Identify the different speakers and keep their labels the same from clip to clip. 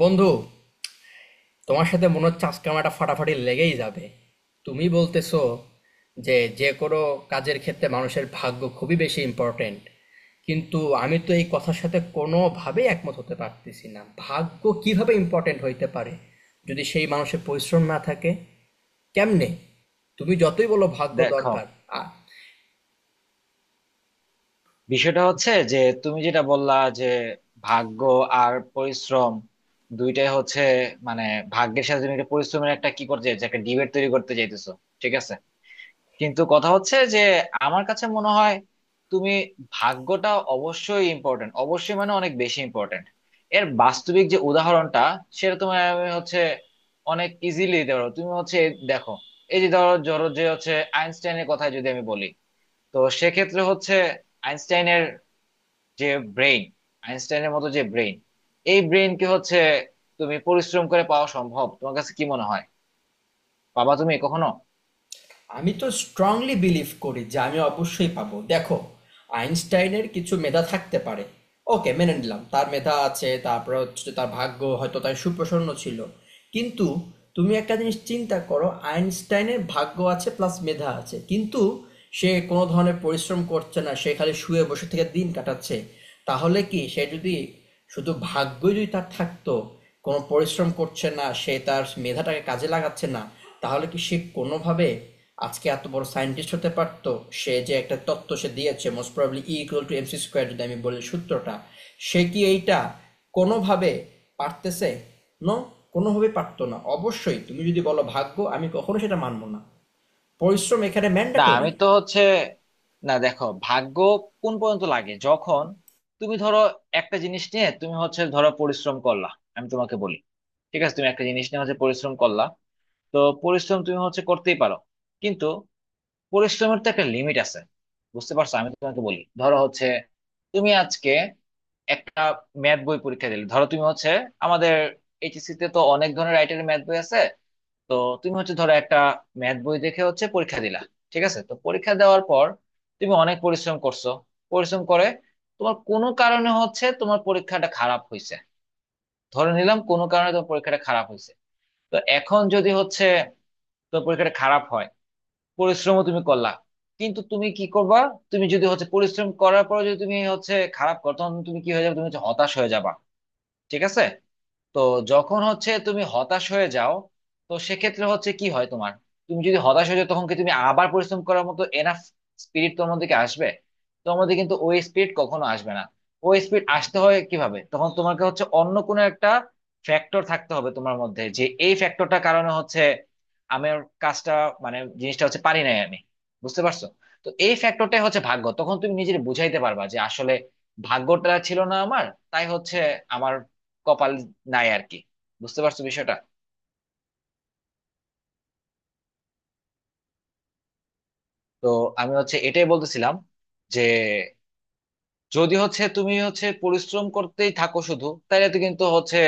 Speaker 1: বন্ধু, তোমার সাথে মনে হচ্ছে আজকে আমার একটা ফাটাফাটি লেগেই যাবে। তুমি বলতেছো যে যে কোনো কাজের ক্ষেত্রে মানুষের ভাগ্য খুবই বেশি ইম্পর্টেন্ট, কিন্তু আমি তো এই কথার সাথে কোনোভাবেই একমত হতে পারতেছি না। ভাগ্য কিভাবে ইম্পর্টেন্ট হইতে পারে যদি সেই মানুষের পরিশ্রম না থাকে? কেমনে? তুমি যতই বলো ভাগ্য
Speaker 2: দেখো,
Speaker 1: দরকার। আ-
Speaker 2: বিষয়টা হচ্ছে যে তুমি যেটা বললা, যে ভাগ্য আর পরিশ্রম দুইটাই হচ্ছে, মানে, ভাগ্যের সাথে তুমি একটা পরিশ্রমের একটা কি করতে চাইছো, একটা ডিবেট তৈরি করতে চাইতেছো। ঠিক আছে, কিন্তু কথা হচ্ছে যে আমার কাছে মনে হয় তুমি ভাগ্যটা অবশ্যই ইম্পর্টেন্ট, অবশ্যই, মানে অনেক বেশি ইম্পর্টেন্ট। এর বাস্তবিক যে উদাহরণটা সেটা তোমার আমি হচ্ছে অনেক ইজিলি দিতে পারো, তুমি হচ্ছে দেখো এই যে ধরো ধরো যে হচ্ছে আইনস্টাইনের কথা যদি আমি বলি, তো সেক্ষেত্রে হচ্ছে আইনস্টাইনের যে ব্রেইন, আইনস্টাইনের মতো যে ব্রেইন, এই ব্রেইন কি হচ্ছে তুমি পরিশ্রম করে পাওয়া সম্ভব? তোমার কাছে কি মনে হয়? বাবা, তুমি কখনো
Speaker 1: আমি তো স্ট্রংলি বিলিভ করি যে আমি অবশ্যই পাবো। দেখো, আইনস্টাইনের কিছু মেধা থাকতে পারে, ওকে মেনে নিলাম তার মেধা আছে, তারপরে হচ্ছে তার ভাগ্য হয়তো তার সুপ্রসন্ন ছিল। কিন্তু তুমি একটা জিনিস চিন্তা করো, আইনস্টাইনের ভাগ্য আছে প্লাস মেধা আছে, কিন্তু সে কোনো ধরনের পরিশ্রম করছে না, সে খালি শুয়ে বসে থেকে দিন কাটাচ্ছে, তাহলে কি সে যদি শুধু ভাগ্যই যদি তার থাকতো, কোনো পরিশ্রম করছে না, সে তার মেধাটাকে কাজে লাগাচ্ছে না, তাহলে কি সে কোনোভাবে আজকে এত বড় সায়েন্টিস্ট হতে পারতো? সে যে একটা তত্ত্ব সে দিয়েছে, most probably E equal to MC square যদি আমি বলি সূত্রটা, সে কি এইটা কোনোভাবে পারতেছে? নো, কোনোভাবে পারতো না। অবশ্যই তুমি যদি বলো ভাগ্য, আমি কখনো সেটা মানবো না। পরিশ্রম এখানে
Speaker 2: না,
Speaker 1: ম্যান্ডেটরি।
Speaker 2: আমি তো হচ্ছে না। দেখো, ভাগ্য কোন পর্যন্ত লাগে? যখন তুমি ধরো একটা জিনিস নিয়ে তুমি হচ্ছে ধরো পরিশ্রম করলা, আমি তোমাকে বলি, ঠিক আছে, তুমি একটা জিনিস নিয়ে হচ্ছে পরিশ্রম করলা, তো পরিশ্রম তুমি হচ্ছে করতেই পারো, কিন্তু পরিশ্রমের তো একটা লিমিট আছে। বুঝতে পারছো? আমি তোমাকে বলি, ধরো হচ্ছে তুমি আজকে একটা ম্যাথ বই পরীক্ষা দিলে, ধরো তুমি হচ্ছে আমাদের এইচএসসি তে তো অনেক ধরনের রাইটারের ম্যাথ বই আছে, তো তুমি হচ্ছে ধরো একটা ম্যাথ বই দেখে হচ্ছে পরীক্ষা দিলা। ঠিক আছে, তো পরীক্ষা দেওয়ার পর তুমি অনেক পরিশ্রম করছো, পরিশ্রম করে তোমার কোনো কারণে হচ্ছে তোমার পরীক্ষাটা খারাপ হয়েছে, ধরে নিলাম কোনো কারণে তোমার পরীক্ষাটা খারাপ হয়েছে। তো এখন যদি হচ্ছে তোমার পরীক্ষাটা খারাপ হয়, পরিশ্রমও তুমি করলা, কিন্তু তুমি কি করবা? তুমি যদি হচ্ছে পরিশ্রম করার পর যদি তুমি হচ্ছে খারাপ করো, তখন তুমি কি হয়ে যাবে? তুমি হচ্ছে হতাশ হয়ে যাবা। ঠিক আছে, তো যখন হচ্ছে তুমি হতাশ হয়ে যাও, তো সেক্ষেত্রে হচ্ছে কি হয় তোমার? তুমি যদি হতাশ হয়ে যাও, তখন কি তুমি আবার পরিশ্রম করার মতো এনাফ স্পিরিট তোমার মধ্যে কি আসবে? তোমার মধ্যে কিন্তু ওই স্পিরিট কখনো আসবে না। ওই স্পিরিট আসতে হয় কিভাবে? তখন তোমাকে হচ্ছে অন্য কোনো একটা ফ্যাক্টর থাকতে হবে তোমার মধ্যে, যে এই ফ্যাক্টরটার কারণে হচ্ছে আমার কাজটা, মানে জিনিসটা হচ্ছে পারি নাই আমি। বুঝতে পারছো? তো এই ফ্যাক্টরটাই হচ্ছে ভাগ্য। তখন তুমি নিজের বুঝাইতে পারবা যে আসলে ভাগ্যটা ছিল না আমার, তাই হচ্ছে আমার কপাল নাই আর কি। বুঝতে পারছো বিষয়টা? তো আমি হচ্ছে এটাই বলতেছিলাম যে যদি হচ্ছে তুমি হচ্ছে পরিশ্রম করতেই থাকো শুধু, তাহলে তো কিন্তু হচ্ছে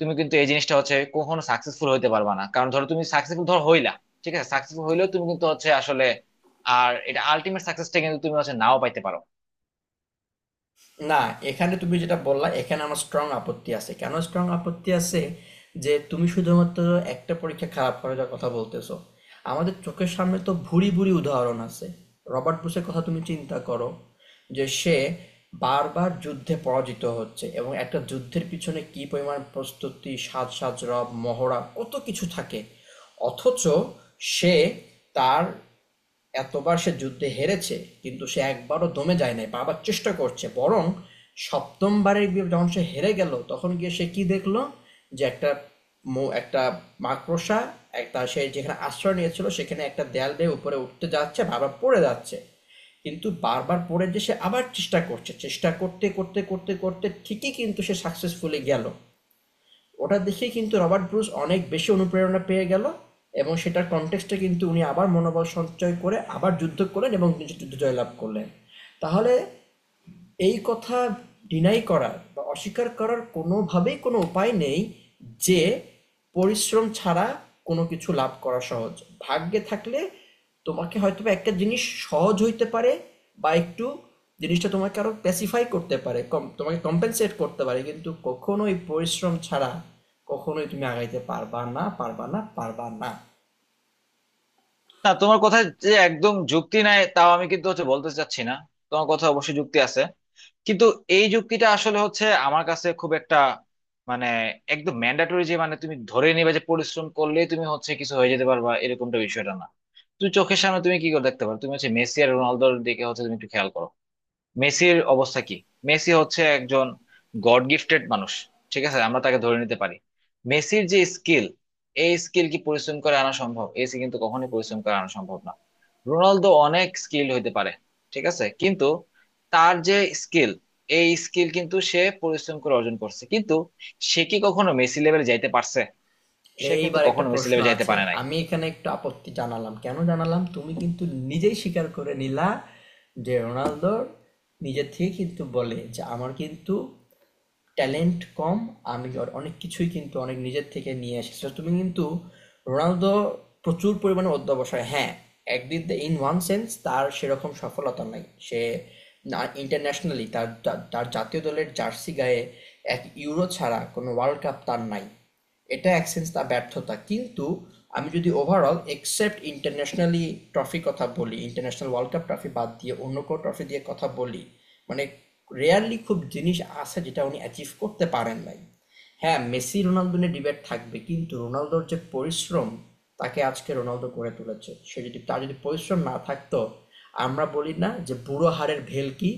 Speaker 2: তুমি কিন্তু এই জিনিসটা হচ্ছে কখনো সাকসেসফুল হইতে পারবা না। কারণ ধরো তুমি সাকসেসফুল ধর হইলা, ঠিক আছে, সাকসেসফুল হইলেও তুমি কিন্তু হচ্ছে আসলে, আর এটা আলটিমেট সাকসেসটা কিন্তু তুমি হচ্ছে নাও পাইতে পারো।
Speaker 1: না, এখানে তুমি যেটা বললা এখানে আমার স্ট্রং আপত্তি আছে। কেন স্ট্রং আপত্তি আছে? যে তুমি শুধুমাত্র একটা পরীক্ষা খারাপ করার কথা বলতেছো। আমাদের চোখের সামনে তো ভুরি ভুরি উদাহরণ আছে। রবার্ট বুশের কথা তুমি চিন্তা করো, যে সে বারবার যুদ্ধে পরাজিত হচ্ছে, এবং একটা যুদ্ধের পিছনে কি পরিমাণ প্রস্তুতি, সাজ সাজ রব, মহড়া, কত কিছু থাকে। অথচ সে তার এতবার সে যুদ্ধে হেরেছে, কিন্তু সে একবারও দমে যায় নাই, বারবার চেষ্টা করছে। বরং সপ্তমবারে গিয়ে যখন সে হেরে গেল, তখন গিয়ে সে কি দেখল? যে একটা মৌ একটা মাকড়সা, একটা, সে যেখানে আশ্রয় নিয়েছিল সেখানে একটা দেয়াল বেয়ে উপরে উঠতে যাচ্ছে, বারবার পড়ে যাচ্ছে। কিন্তু বারবার পড়ে যে সে আবার চেষ্টা করছে। চেষ্টা করতে করতে করতে করতে ঠিকই কিন্তু সে সাকসেসফুলি গেল। ওটা দেখে কিন্তু রবার্ট ব্রুস অনেক বেশি অনুপ্রেরণা পেয়ে গেল, এবং সেটার কনটেক্সটে কিন্তু উনি আবার মনোবল সঞ্চয় করে আবার যুদ্ধ করলেন এবং যুদ্ধ জয়লাভ করলেন। তাহলে এই কথা ডিনাই করার বা অস্বীকার করার কোনোভাবেই কোনো উপায় নেই যে পরিশ্রম ছাড়া কোনো কিছু লাভ করা সহজ। ভাগ্যে থাকলে তোমাকে হয়তো বা একটা জিনিস সহজ হইতে পারে, বা একটু জিনিসটা তোমাকে আরো স্পেসিফাই করতে পারে, কম তোমাকে কম্পেনসেট করতে পারে, কিন্তু কখনোই পরিশ্রম ছাড়া কখনোই তুমি আগাইতে পারবা না, পারবা না, পারবা না।
Speaker 2: তা তোমার কথা যে একদম যুক্তি নাই তাও আমি কিন্তু হচ্ছে বলতে চাচ্ছি না, তোমার কথা অবশ্যই যুক্তি আছে। কিন্তু এই যুক্তিটা আসলে হচ্ছে আমার কাছে খুব একটা, মানে, একদম ম্যান্ডেটরি যে মানে তুমি ধরে নিবে যে পরিশ্রম করলে তুমি হচ্ছে কিছু হয়ে যেতে পারবা, এরকমটা বিষয়টা না। তুমি চোখের সামনে তুমি কি করে দেখতে পারো, তুমি হচ্ছে মেসি আর রোনালদোর দিকে হচ্ছে তুমি একটু খেয়াল করো। মেসির অবস্থা কি? মেসি হচ্ছে একজন গড গিফটেড মানুষ, ঠিক আছে, আমরা তাকে ধরে নিতে পারি। মেসির যে স্কিল, এই স্কিল কি পরিশ্রম করে আনা সম্ভব? এসি কিন্তু কখনোই পরিশ্রম করে আনা সম্ভব না। রোনালদো অনেক স্কিল হইতে পারে, ঠিক আছে, কিন্তু তার যে স্কিল, এই স্কিল কিন্তু সে পরিশ্রম করে অর্জন করছে, কিন্তু সে কি কখনো মেসি লেভেলে যাইতে পারছে? সে কিন্তু
Speaker 1: এইবার একটা
Speaker 2: কখনো মেসি
Speaker 1: প্রশ্ন
Speaker 2: লেভেলে যাইতে
Speaker 1: আছে,
Speaker 2: পারে নাই।
Speaker 1: আমি এখানে একটু আপত্তি জানালাম। কেন জানালাম? তুমি কিন্তু নিজেই স্বীকার করে নিলা যে রোনালদো নিজের থেকে কিন্তু বলে যে আমার কিন্তু ট্যালেন্ট কম, আমি অনেক কিছুই কিন্তু অনেক নিজের থেকে নিয়ে এসেছি। So, তুমি কিন্তু, রোনালদো, প্রচুর পরিমাণে অধ্যবসায়, হ্যাঁ, একদিক দিয়ে ইন ওয়ান সেন্স তার সেরকম সফলতা নাই। সে না, ইন্টারন্যাশনালি তার তার তার জাতীয় দলের জার্সি গায়ে এক ইউরো ছাড়া কোনো ওয়ার্ল্ড কাপ তার নাই। এটা এক সেন্স তার ব্যর্থতা, কিন্তু আমি যদি ওভারঅল এক্সেপ্ট ইন্টারন্যাশনালি ট্রফি কথা বলি, ইন্টারন্যাশনাল ওয়ার্ল্ড কাপ ট্রফি বাদ দিয়ে অন্য কোনো ট্রফি দিয়ে কথা বলি, মানে রেয়ারলি খুব জিনিস আছে যেটা উনি অ্যাচিভ করতে পারেন নাই। হ্যাঁ, মেসি রোনালদো নিয়ে ডিবেট থাকবে, কিন্তু রোনালদোর যে পরিশ্রম তাকে আজকে রোনালদো করে তুলেছে। সে যদি, তার যদি পরিশ্রম না থাকতো, আমরা বলি না যে বুড়ো হাড়ের ভেলকি,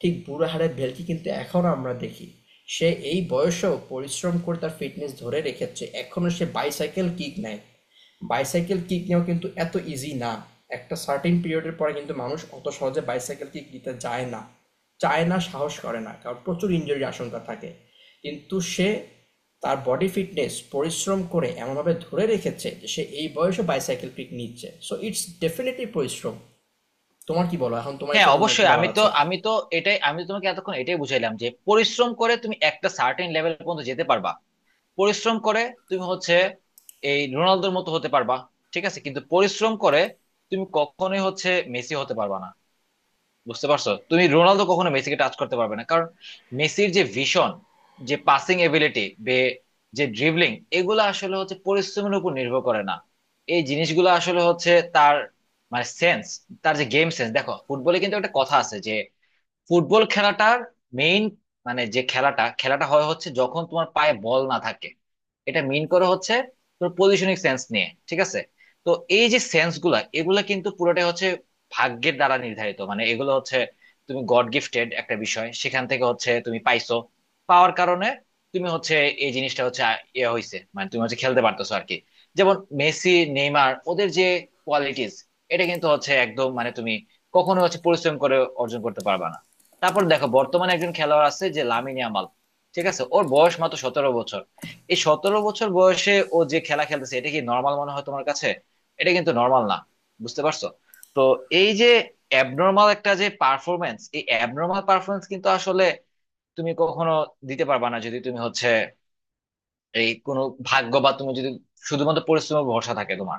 Speaker 1: ঠিক বুড়ো হাড়ের ভেলকি কিন্তু এখনো আমরা দেখি সে এই বয়সেও পরিশ্রম করে তার ফিটনেস ধরে রেখেছে, এখনো সে বাইসাইকেল কিক নেয়। বাইসাইকেল কিক নেওয়া কিন্তু এত ইজি না, একটা সার্টেন পিরিয়ডের পরে কিন্তু মানুষ অত সহজে বাইসাইকেল কিক দিতে যায় না, চায় না, সাহস করে না, কারণ প্রচুর ইনজুরির আশঙ্কা থাকে। কিন্তু সে তার বডি ফিটনেস পরিশ্রম করে এমনভাবে ধরে রেখেছে যে সে এই বয়সে বাইসাইকেল পিক নিচ্ছে। সো ইটস ডেফিনেটলি পরিশ্রম। তোমার কি বলো, এখন তোমার
Speaker 2: হ্যাঁ,
Speaker 1: ক্ষেত্রে তোমার কি
Speaker 2: অবশ্যই,
Speaker 1: বলার
Speaker 2: আমি তো
Speaker 1: আছে?
Speaker 2: আমি তো এটাই, আমি তো তোমাকে এতক্ষণ এটাই বুঝাইলাম যে পরিশ্রম করে তুমি একটা সার্টেন লেভেল পর্যন্ত যেতে পারবা। পরিশ্রম করে তুমি হচ্ছে এই রোনালদোর মতো হতে পারবা, ঠিক আছে, কিন্তু পরিশ্রম করে তুমি কখনোই হচ্ছে মেসি হতে পারবা না। বুঝতে পারছো? তুমি রোনালদো কখনো মেসিকে টাচ করতে পারবে না, কারণ মেসির যে ভিশন, যে পাসিং এবিলিটি, যে ড্রিবলিং, এগুলো আসলে হচ্ছে পরিশ্রমের উপর নির্ভর করে না। এই জিনিসগুলো আসলে হচ্ছে তার, মানে, সেন্স, তার যে গেম সেন্স। দেখো, ফুটবলে কিন্তু একটা কথা আছে যে ফুটবল খেলাটার মেইন, মানে যে খেলাটা, হয় হচ্ছে যখন তোমার পায়ে বল না থাকে, এটা মেইন করে হচ্ছে তোর পজিশনিং সেন্স নিয়ে। ঠিক আছে, তো এই যে সেন্স গুলা, এগুলা কিন্তু পুরোটাই হচ্ছে ভাগ্যের দ্বারা নির্ধারিত। মানে এগুলো হচ্ছে তুমি গড গিফটেড একটা বিষয় সেখান থেকে হচ্ছে তুমি পাইছো, পাওয়ার কারণে তুমি হচ্ছে এই জিনিসটা হচ্ছে ইয়ে হয়েছে, মানে তুমি হচ্ছে খেলতে পারতেছো আর কি। যেমন মেসি, নেইমার, ওদের যে কোয়ালিটিস, এটা কিন্তু হচ্ছে একদম, মানে, তুমি কখনো হচ্ছে পরিশ্রম করে অর্জন করতে পারবা না। তারপর দেখো, বর্তমানে একজন খেলোয়াড় আছে যে লামিনে ইয়ামাল, ঠিক আছে, ওর বয়স মাত্র 17 বছর। এই 17 বছর বয়সে ও যে খেলা খেলতেছে এটা কি নর্মাল মনে হয় তোমার কাছে? এটা কিন্তু নর্মাল না। বুঝতে পারছো? তো এই যে অ্যাবনর্মাল একটা যে পারফরমেন্স, এই অ্যাবনর্মাল পারফরমেন্স কিন্তু আসলে তুমি কখনো দিতে পারবা না যদি তুমি হচ্ছে এই কোনো ভাগ্য, বা তুমি যদি শুধুমাত্র পরিশ্রমের ভরসা থাকে তোমার।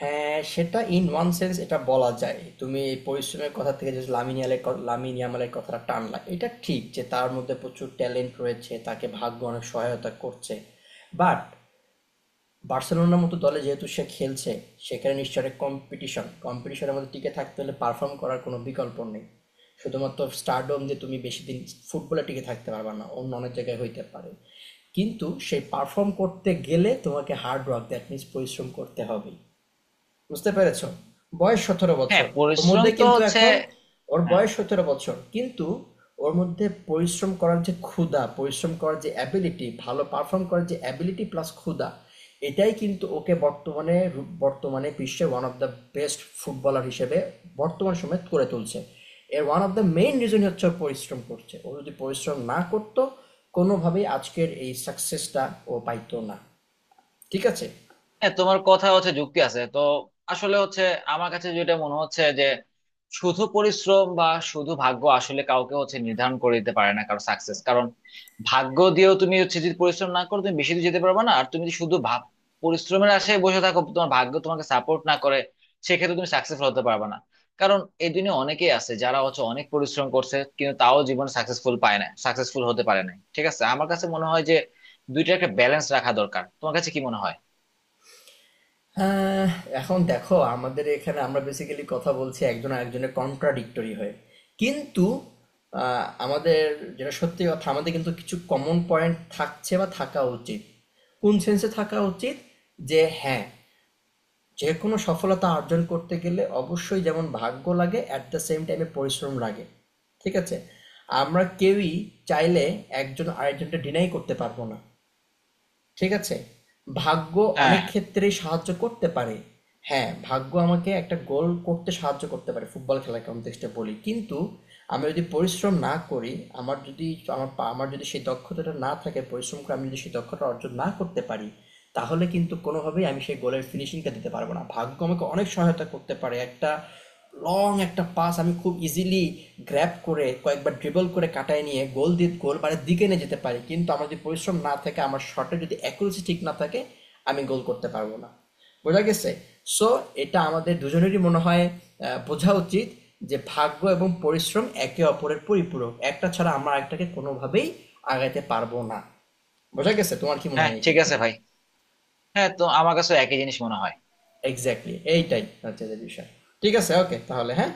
Speaker 1: হ্যাঁ, সেটা ইন ওয়ান সেন্স এটা বলা যায়। তুমি এই পরিশ্রমের কথা থেকে যে লামিন ইয়ামালের কথাটা টানলা, এটা ঠিক যে তার মধ্যে প্রচুর ট্যালেন্ট রয়েছে, তাকে ভাগ্য অনেক সহায়তা করছে। বাট বার্সেলোনার মতো দলে যেহেতু সে খেলছে, সেখানে নিশ্চয় একটা কম্পিটিশন, কম্পিটিশনের মধ্যে টিকে থাকতে হলে পারফর্ম করার কোনো বিকল্প নেই। শুধুমাত্র স্টারডম দিয়ে তুমি বেশি দিন ফুটবলে টিকে থাকতে পারবে না, অন্য অনেক জায়গায় হইতে পারে, কিন্তু সেই পারফর্ম করতে গেলে তোমাকে হার্ড ওয়ার্ক দ্যাট মিনস পরিশ্রম করতে হবে। বুঝতে পেরেছো? বয়স সতেরো
Speaker 2: হ্যাঁ,
Speaker 1: বছর ওর
Speaker 2: পরিশ্রম
Speaker 1: মধ্যে
Speaker 2: তো
Speaker 1: কিন্তু
Speaker 2: হচ্ছে।
Speaker 1: এখন, ওর
Speaker 2: হ্যাঁ,
Speaker 1: বয়স 17 বছর, কিন্তু ওর মধ্যে পরিশ্রম করার যে ক্ষুধা, পরিশ্রম করার যে অ্যাবিলিটি, ভালো পারফর্ম করার যে অ্যাবিলিটি প্লাস ক্ষুধা, এটাই কিন্তু ওকে বর্তমানে বর্তমানে বিশ্বের one of the best footballer হিসেবে বর্তমান সময়ে করে তুলছে। এর ওয়ান অফ দ্য মেইন রিজনই হচ্ছে ও পরিশ্রম করছে। ও যদি পরিশ্রম না করতো, কোনোভাবেই আজকের এই সাকসেসটা ও পাইতো না, ঠিক আছে?
Speaker 2: হ্যাঁ, তোমার কথা হচ্ছে যুক্তি আছে তো। আসলে হচ্ছে আমার কাছে যেটা মনে হচ্ছে যে শুধু পরিশ্রম বা শুধু ভাগ্য আসলে কাউকে হচ্ছে নির্ধারণ করে দিতে পারে না কারো সাকসেস। কারণ ভাগ্য দিয়েও তুমি হচ্ছে যদি পরিশ্রম না করো, তুমি বেশি দূর যেতে পারবে না। আর তুমি যদি শুধু ভাব পরিশ্রমের আশায় বসে থাকো, তোমার ভাগ্য তোমাকে সাপোর্ট না করে, সেক্ষেত্রে তুমি সাকসেসফুল হতে পারবে না। কারণ এই দুনিয়া অনেকেই আছে যারা হচ্ছে অনেক পরিশ্রম করছে, কিন্তু তাও জীবনে সাকসেসফুল পায় না, সাকসেসফুল হতে পারে না। ঠিক আছে, আমার কাছে মনে হয় যে দুইটা একটা ব্যালেন্স রাখা দরকার। তোমার কাছে কি মনে হয়?
Speaker 1: আহ এখন দেখো, আমাদের এখানে আমরা বেসিক্যালি কথা বলছি একজন আরেকজনের কন্ট্রাডিক্টরি হয়ে, কিন্তু আমাদের, যেটা সত্যি কথা, আমাদের কিন্তু কিছু কমন পয়েন্ট থাকছে বা থাকা উচিত। কোন সেন্সে থাকা উচিত? যে হ্যাঁ, যে কোনো সফলতা অর্জন করতে গেলে অবশ্যই যেমন ভাগ্য লাগে অ্যাট দ্য সেম টাইমে পরিশ্রম লাগে, ঠিক আছে? আমরা কেউই চাইলে একজন আরেকজনকে ডিনাই করতে পারবো না, ঠিক আছে? ভাগ্য
Speaker 2: হ্যাঁ,
Speaker 1: অনেক
Speaker 2: হ্যাঁ,
Speaker 1: ক্ষেত্রেই সাহায্য করতে পারে। হ্যাঁ, ভাগ্য আমাকে একটা গোল করতে সাহায্য করতে পারে, ফুটবল খেলার কনটেক্সটে বলি। কিন্তু আমি যদি পরিশ্রম না করি, আমার যদি, আমার পা, আমার যদি সেই দক্ষতাটা না থাকে, পরিশ্রম করে আমি যদি সেই দক্ষতা অর্জন না করতে পারি, তাহলে কিন্তু কোনোভাবেই আমি সেই গোলের ফিনিশিংটা দিতে পারবো না। ভাগ্য আমাকে অনেক সহায়তা করতে পারে, একটা লং একটা পাস আমি খুব ইজিলি গ্র্যাব করে কয়েকবার ড্রিবল করে কাটায় নিয়ে গোল দিয়ে, গোল মানে দিকে নিয়ে যেতে পারি, কিন্তু আমার যদি পরিশ্রম না থাকে, আমার শটে যদি অ্যাকুরেসি ঠিক না থাকে, আমি গোল করতে পারবো না। বোঝা গেছে? সো এটা আমাদের দুজনেরই মনে হয়, বোঝা উচিত যে ভাগ্য এবং পরিশ্রম একে অপরের পরিপূরক, একটা ছাড়া আমরা একটাকে কোনোভাবেই আগাইতে পারবো না। বোঝা গেছে? তোমার কি মনে
Speaker 2: হ্যাঁ,
Speaker 1: হয় এই
Speaker 2: ঠিক আছে,
Speaker 1: ক্ষেত্রে?
Speaker 2: ভাই। হ্যাঁ, তো আমার কাছে একই জিনিস মনে হয়।
Speaker 1: এক্স্যাক্টলি, এইটাই হচ্ছে যে বিষয়। ঠিক আছে, ওকে, তাহলে হ্যাঁ।